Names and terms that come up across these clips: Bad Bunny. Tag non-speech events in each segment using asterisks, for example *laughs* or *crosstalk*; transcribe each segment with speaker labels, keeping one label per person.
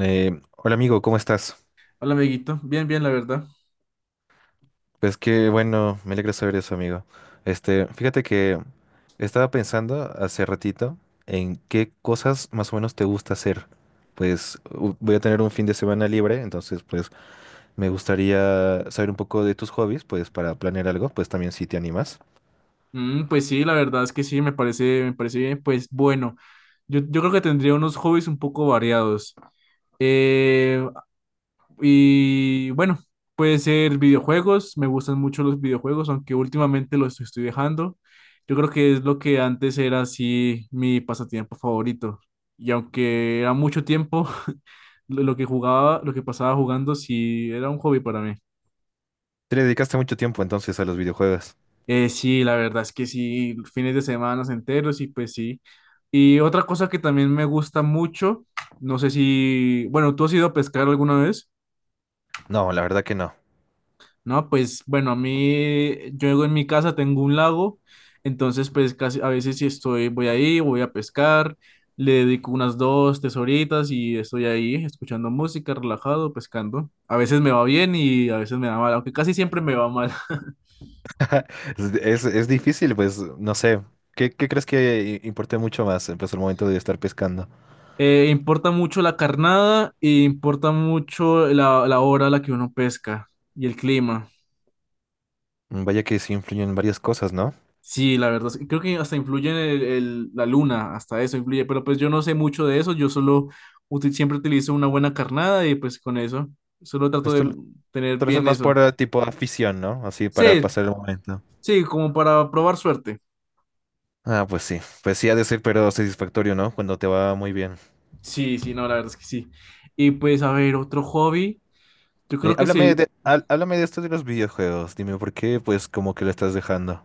Speaker 1: Hola amigo, ¿cómo estás?
Speaker 2: Hola, amiguito. Bien, bien, la verdad.
Speaker 1: Pues qué bueno, me alegra saber eso, amigo. Fíjate que estaba pensando hace ratito en qué cosas más o menos te gusta hacer. Pues voy a tener un fin de semana libre, entonces pues me gustaría saber un poco de tus hobbies, pues para planear algo, pues también si te animas.
Speaker 2: Mm, pues sí, la verdad es que sí, me parece bien. Pues bueno, yo creo que tendría unos hobbies un poco variados. Eh, y bueno, puede ser videojuegos. Me gustan mucho los videojuegos, aunque últimamente los estoy dejando. Yo creo que es lo que antes era así mi pasatiempo favorito. Y aunque era mucho tiempo, *laughs* lo que jugaba, lo que pasaba jugando, sí era un hobby para mí.
Speaker 1: ¿Te le dedicaste mucho tiempo entonces a los videojuegos?
Speaker 2: Sí, la verdad es que sí, fines de semana enteros y pues sí. Y otra cosa que también me gusta mucho, no sé si, bueno, ¿tú has ido a pescar alguna vez?
Speaker 1: No, la verdad que no. *laughs*
Speaker 2: No, pues bueno, a mí, yo en mi casa tengo un lago, entonces pues casi a veces si estoy, voy ahí, voy a pescar, le dedico unas dos, tres horitas y estoy ahí escuchando música, relajado, pescando. A veces me va bien y a veces me va mal, aunque casi siempre me va mal.
Speaker 1: Es difícil, pues no sé. ¿Qué crees que importe mucho más? Pues el momento de estar pescando.
Speaker 2: Importa mucho la carnada e importa mucho la hora a la que uno pesca y el clima.
Speaker 1: Vaya que sí influyen varias cosas, ¿no?
Speaker 2: Sí, la verdad, sí, creo que hasta influye en la luna, hasta eso influye, pero pues yo no sé mucho de eso, yo solo siempre utilizo una buena carnada y pues con eso, solo trato
Speaker 1: Pues
Speaker 2: de
Speaker 1: tú,
Speaker 2: tener
Speaker 1: tú lo haces
Speaker 2: bien
Speaker 1: más por
Speaker 2: eso.
Speaker 1: tipo afición, ¿no? Así para
Speaker 2: Sí,
Speaker 1: pasar el momento.
Speaker 2: sí, como para probar suerte.
Speaker 1: Ah, pues sí. Pues sí ha de ser, pero satisfactorio, ¿no? Cuando te va muy bien.
Speaker 2: Sí, sí, no, la verdad es que sí. Y pues a ver, otro hobby, yo creo que
Speaker 1: Háblame de, háblame de esto de los videojuegos. Dime por qué, pues, como que lo estás dejando.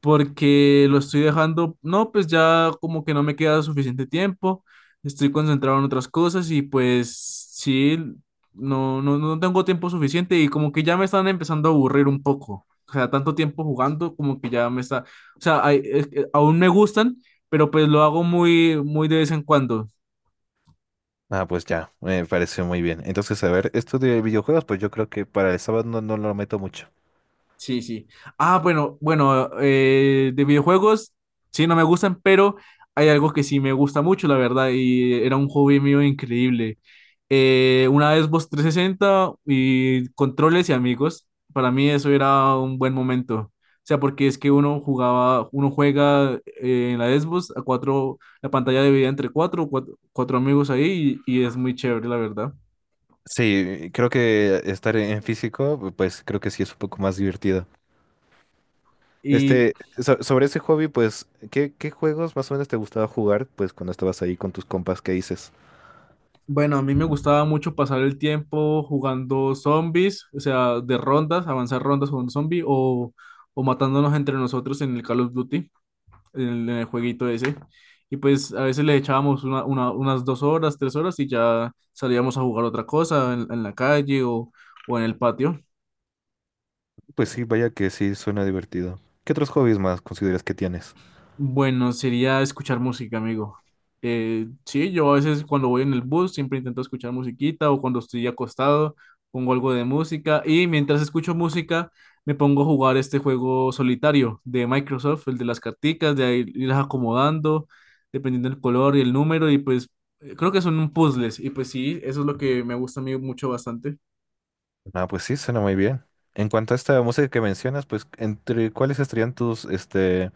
Speaker 2: porque lo estoy dejando, no, pues ya como que no me queda suficiente tiempo, estoy concentrado en otras cosas y pues sí, no, no, no tengo tiempo suficiente y como que ya me están empezando a aburrir un poco. O sea, tanto tiempo jugando como que ya me está, o sea, aún me gustan, pero pues lo hago muy, muy de vez en cuando.
Speaker 1: Ah, pues ya, me parece muy bien. Entonces, a ver, esto de videojuegos, pues yo creo que para el sábado no, no lo meto mucho.
Speaker 2: Sí, sí. Ah, bueno, bueno, de videojuegos, sí, no me gustan, pero hay algo que sí me gusta mucho, la verdad, y era un hobby mío increíble. Una Xbox 360 y controles y amigos, para mí eso era un buen momento. O sea, porque es que uno jugaba, uno juega en la Xbox a cuatro, la pantalla dividida entre cuatro, cuatro, cuatro amigos ahí y es muy chévere, la verdad.
Speaker 1: Sí, creo que estar en físico, pues creo que sí es un poco más divertido.
Speaker 2: ¿Y
Speaker 1: Sobre ese hobby, pues, ¿qué juegos más o menos te gustaba jugar, pues, cuando estabas ahí con tus compas? ¿Qué dices?
Speaker 2: Bueno, a mí me gustaba mucho pasar el tiempo jugando zombies, o sea, de rondas, avanzar rondas con un zombie o matándonos entre nosotros en el Call of Duty, en el jueguito ese. Y pues a veces le echábamos unas dos horas, tres horas y ya salíamos a jugar otra cosa en la calle o en el patio.
Speaker 1: Pues sí, vaya que sí, suena divertido. ¿Qué otros hobbies más consideras que tienes?
Speaker 2: Bueno, sería escuchar música, amigo. Sí, yo a veces cuando voy en el bus siempre intento escuchar musiquita o cuando estoy acostado pongo algo de música y mientras escucho música me pongo a jugar este juego solitario de Microsoft, el de las carticas, de ahí irlas acomodando dependiendo del color y el número y pues creo que son puzzles y pues sí, eso es lo que me gusta a mí mucho bastante.
Speaker 1: Ah, pues sí, suena muy bien. En cuanto a esta música que mencionas, pues, ¿entre cuáles estarían tus, este,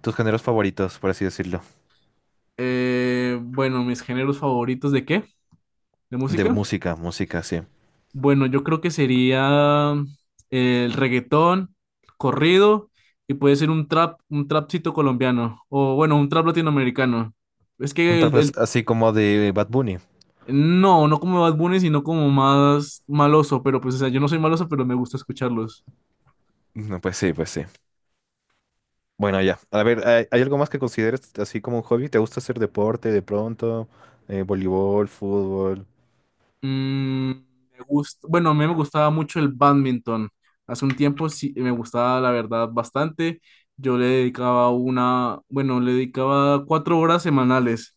Speaker 1: tus géneros favoritos, por así decirlo?
Speaker 2: Bueno, ¿mis géneros favoritos de qué? ¿De
Speaker 1: De
Speaker 2: música?
Speaker 1: música, música, sí.
Speaker 2: Bueno, yo creo que sería el reggaetón, corrido, y puede ser un trap, un trapcito colombiano, o bueno, un trap latinoamericano. Es
Speaker 1: Un
Speaker 2: que
Speaker 1: trap
Speaker 2: el-
Speaker 1: así como de Bad Bunny.
Speaker 2: No, no como Bad Bunny, sino como más maloso, pero pues, o sea, yo no soy maloso, pero me gusta escucharlos.
Speaker 1: No, pues sí, pues sí. Bueno, ya. A ver, ¿hay algo más que consideres así como un hobby? ¿Te gusta hacer deporte de pronto? Voleibol, fútbol.
Speaker 2: Mm, me gusta, bueno, a mí me gustaba mucho el badminton. Hace un tiempo sí me gustaba, la verdad, bastante. Yo le dedicaba una, bueno, le dedicaba 4 horas semanales.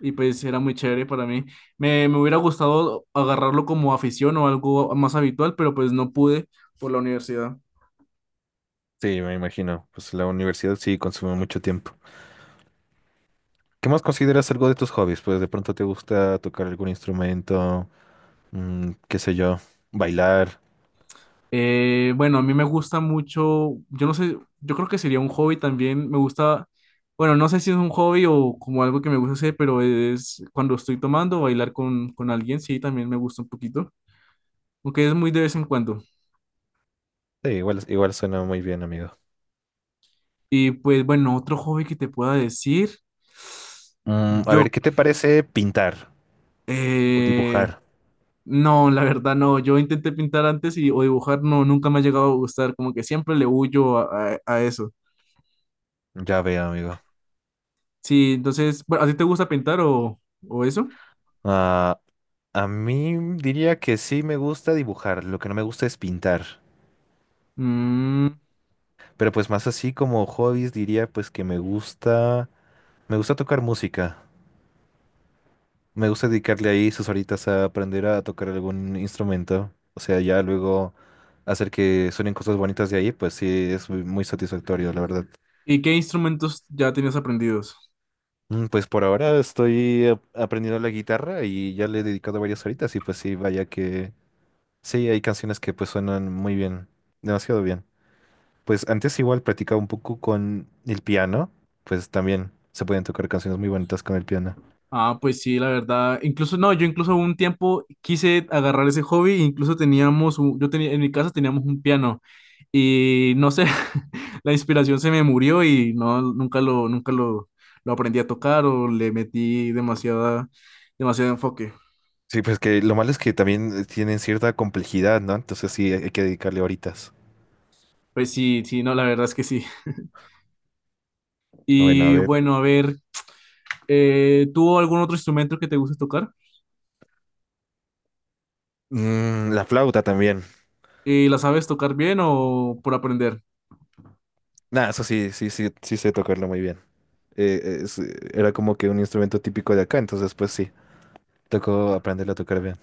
Speaker 2: Y pues era muy chévere para mí. Me hubiera gustado agarrarlo como afición o algo más habitual, pero pues no pude por la universidad.
Speaker 1: Sí, me imagino. Pues la universidad sí consume mucho tiempo. ¿Qué más consideras algo de tus hobbies? Pues de pronto te gusta tocar algún instrumento, mm, qué sé yo, bailar.
Speaker 2: Bueno, a mí me gusta mucho, yo no sé, yo creo que sería un hobby también, me gusta, bueno, no sé si es un hobby o como algo que me gusta hacer, pero es cuando estoy tomando, bailar con, alguien, sí, también me gusta un poquito, aunque es muy de vez en cuando.
Speaker 1: Sí, igual, igual suena muy bien, amigo.
Speaker 2: Y pues bueno, otro hobby que te pueda decir.
Speaker 1: Mm, a
Speaker 2: yo,
Speaker 1: ver, ¿qué te parece pintar o
Speaker 2: eh,
Speaker 1: dibujar?
Speaker 2: No, la verdad no. Yo intenté pintar antes y o dibujar, no, nunca me ha llegado a gustar. Como que siempre le huyo a eso.
Speaker 1: Ya veo, amigo.
Speaker 2: Sí, entonces, bueno, ¿a ti te gusta pintar o eso?
Speaker 1: Ah, a mí diría que sí me gusta dibujar, lo que no me gusta es pintar.
Speaker 2: Mm,
Speaker 1: Pero pues más así como hobbies diría pues que me gusta tocar música. Me gusta dedicarle ahí sus horitas a aprender a tocar algún instrumento. O sea, ya luego hacer que suenen cosas bonitas de ahí, pues sí, es muy muy satisfactorio, la verdad.
Speaker 2: ¿y qué instrumentos ya tenías aprendidos?
Speaker 1: Mm, pues por ahora estoy aprendiendo la guitarra y ya le he dedicado varias horitas y pues sí, vaya que sí, hay canciones que pues suenan muy bien, demasiado bien. Pues antes igual practicaba un poco con el piano, pues también se pueden tocar canciones muy bonitas con el piano.
Speaker 2: Ah, pues sí, la verdad. Incluso, no, yo incluso un tiempo quise agarrar ese hobby, incluso teníamos, un- yo tenía, en mi casa teníamos un piano y no sé, *laughs* la inspiración se me murió y no, nunca lo aprendí a tocar o le metí demasiada, demasiado enfoque.
Speaker 1: Sí, pues que lo malo es que también tienen cierta complejidad, ¿no? Entonces sí, hay que dedicarle horitas.
Speaker 2: Pues sí, sí, no, la verdad es que sí.
Speaker 1: Bueno, a
Speaker 2: Y
Speaker 1: ver.
Speaker 2: bueno, a ver, ¿tú algún otro instrumento que te guste tocar?
Speaker 1: Mm, la flauta también.
Speaker 2: ¿Y la sabes tocar bien o por aprender?
Speaker 1: Nah, eso sí, sí, sí, sí sé tocarlo muy bien. Era como que un instrumento típico de acá, entonces pues sí, tocó aprenderlo a tocar bien.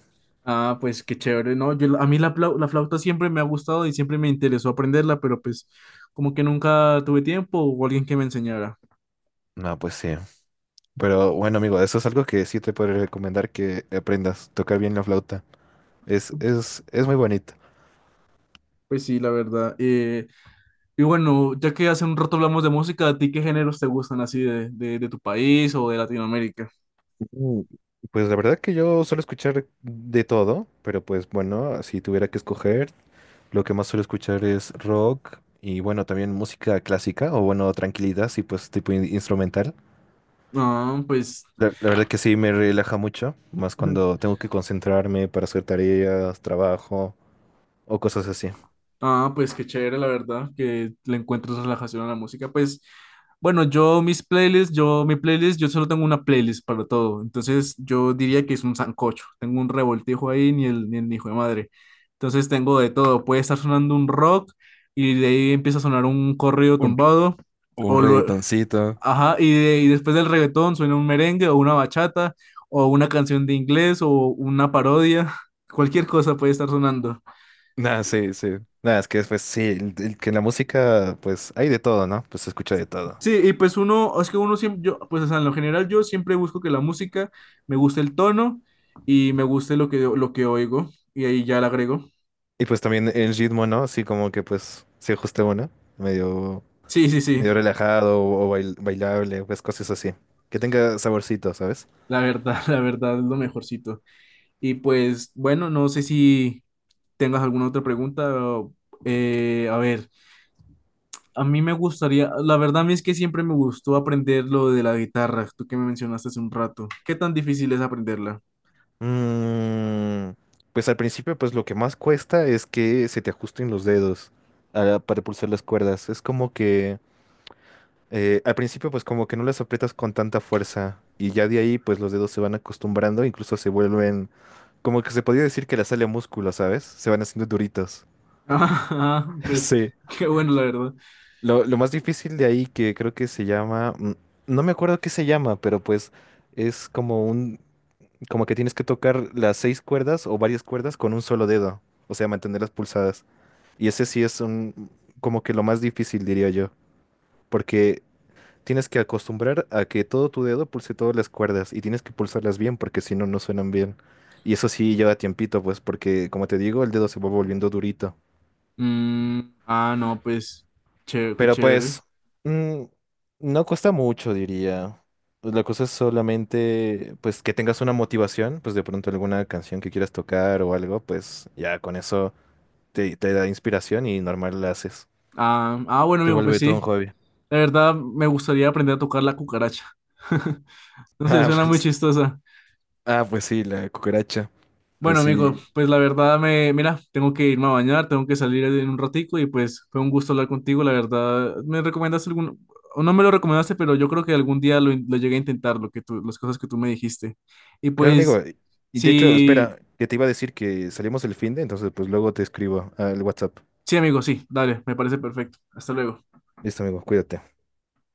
Speaker 2: Ah, pues qué chévere, ¿no? Yo, a mí la flauta siempre me ha gustado y siempre me interesó aprenderla, pero pues como que nunca tuve tiempo o alguien que me enseñara.
Speaker 1: No, pues sí. Pero bueno, amigo, eso es algo que sí te puedo recomendar que aprendas, tocar bien la flauta. Es muy bonito.
Speaker 2: Pues sí, la verdad. Y bueno, ya que hace un rato hablamos de música, ¿a ti qué géneros te gustan así de tu país o de Latinoamérica?
Speaker 1: Mm, pues la verdad que yo suelo escuchar de todo, pero pues bueno, si tuviera que escoger, lo que más suelo escuchar es rock y bueno, también música clásica o bueno, tranquilidad, sí, pues tipo instrumental.
Speaker 2: Ah, pues
Speaker 1: La verdad que sí me relaja mucho, más cuando
Speaker 2: *laughs*
Speaker 1: tengo que concentrarme para hacer tareas, trabajo o cosas así.
Speaker 2: ah, pues qué chévere, la verdad, que le encuentres relajación a la música. Pues, bueno, yo mis playlists, yo mi playlist, yo solo tengo una playlist para todo. Entonces, yo diría que es un sancocho. Tengo un revoltijo ahí, ni el hijo de madre. Entonces, tengo de todo. Puede estar sonando un rock y de ahí empieza a sonar un corrido
Speaker 1: Un,
Speaker 2: tumbado.
Speaker 1: un
Speaker 2: O lue-
Speaker 1: reggaetoncito.
Speaker 2: ajá, y después del reggaetón suena un merengue o una bachata o una canción de inglés o una parodia. *laughs* Cualquier cosa puede estar sonando.
Speaker 1: Nada, sí, sí. Nada, es que pues sí, que en la música pues hay de todo, ¿no? Pues se escucha de todo.
Speaker 2: Sí, y pues uno, es que uno siempre, yo, pues o sea, en lo general yo siempre busco que la música me guste el tono y me guste lo que oigo y ahí ya la agrego.
Speaker 1: Y pues también el ritmo, ¿no? Así como que pues se ajuste uno, medio,
Speaker 2: Sí, sí, sí,
Speaker 1: medio relajado o, bailable, pues cosas así. Que tenga saborcito, ¿sabes?
Speaker 2: la verdad, *laughs* la verdad es lo mejorcito. Y pues bueno, no sé si tengas alguna otra pregunta. O, a ver, a mí me gustaría, la verdad a mí es que siempre me gustó aprender lo de la guitarra, tú que me mencionaste hace un rato. ¿Qué tan difícil es aprenderla? *laughs*
Speaker 1: Mm, pues al principio, pues lo que más cuesta es que se te ajusten los dedos ah, para pulsar las cuerdas. Es como que al principio, pues como que no las aprietas con tanta fuerza y ya de ahí, pues los dedos se van acostumbrando, incluso se vuelven, como que se podría decir que la sale a músculo, ¿sabes? Se van haciendo duritos.
Speaker 2: Ah,
Speaker 1: *laughs*
Speaker 2: pues
Speaker 1: Sí.
Speaker 2: qué bueno, la verdad.
Speaker 1: Lo más difícil de ahí que creo que se llama, mm, no me acuerdo qué se llama, pero pues es como un como que tienes que tocar las seis cuerdas o varias cuerdas con un solo dedo, o sea, mantenerlas pulsadas. Y ese sí es un, como que lo más difícil, diría yo, porque tienes que acostumbrar a que todo tu dedo pulse todas las cuerdas y tienes que pulsarlas bien porque si no, no suenan bien. Y eso sí lleva tiempito, pues, porque como te digo, el dedo se va volviendo durito.
Speaker 2: Mm, ah, no, pues, chévere, qué
Speaker 1: Pero
Speaker 2: chévere.
Speaker 1: pues, mm, no cuesta mucho, diría. Pues la cosa es solamente, pues, que tengas una motivación, pues de pronto alguna canción que quieras tocar o algo, pues ya con eso te da inspiración y normal la haces.
Speaker 2: Ah, ah, bueno,
Speaker 1: Se
Speaker 2: amigo, pues
Speaker 1: vuelve todo un
Speaker 2: sí.
Speaker 1: hobby. *laughs*
Speaker 2: La verdad, me gustaría aprender a tocar la cucaracha. *laughs* No sé,
Speaker 1: Ah,
Speaker 2: suena muy
Speaker 1: pues,
Speaker 2: chistosa.
Speaker 1: ah, pues sí, la cucaracha. Pues
Speaker 2: Bueno, amigo,
Speaker 1: sí.
Speaker 2: pues la verdad, me, mira, tengo que irme a bañar, tengo que salir en un ratico y pues fue un gusto hablar contigo. La verdad, me recomendaste o no me lo recomendaste, pero yo creo que algún día lo llegué a intentar, lo que tú, las cosas que tú me dijiste. Y
Speaker 1: Claro, amigo.
Speaker 2: pues,
Speaker 1: Y de hecho,
Speaker 2: sí,
Speaker 1: espera, que te iba a decir que salimos el fin de, entonces pues luego te escribo al WhatsApp.
Speaker 2: sí, amigo, sí, dale, me parece perfecto. Hasta luego.
Speaker 1: Listo, amigo, cuídate.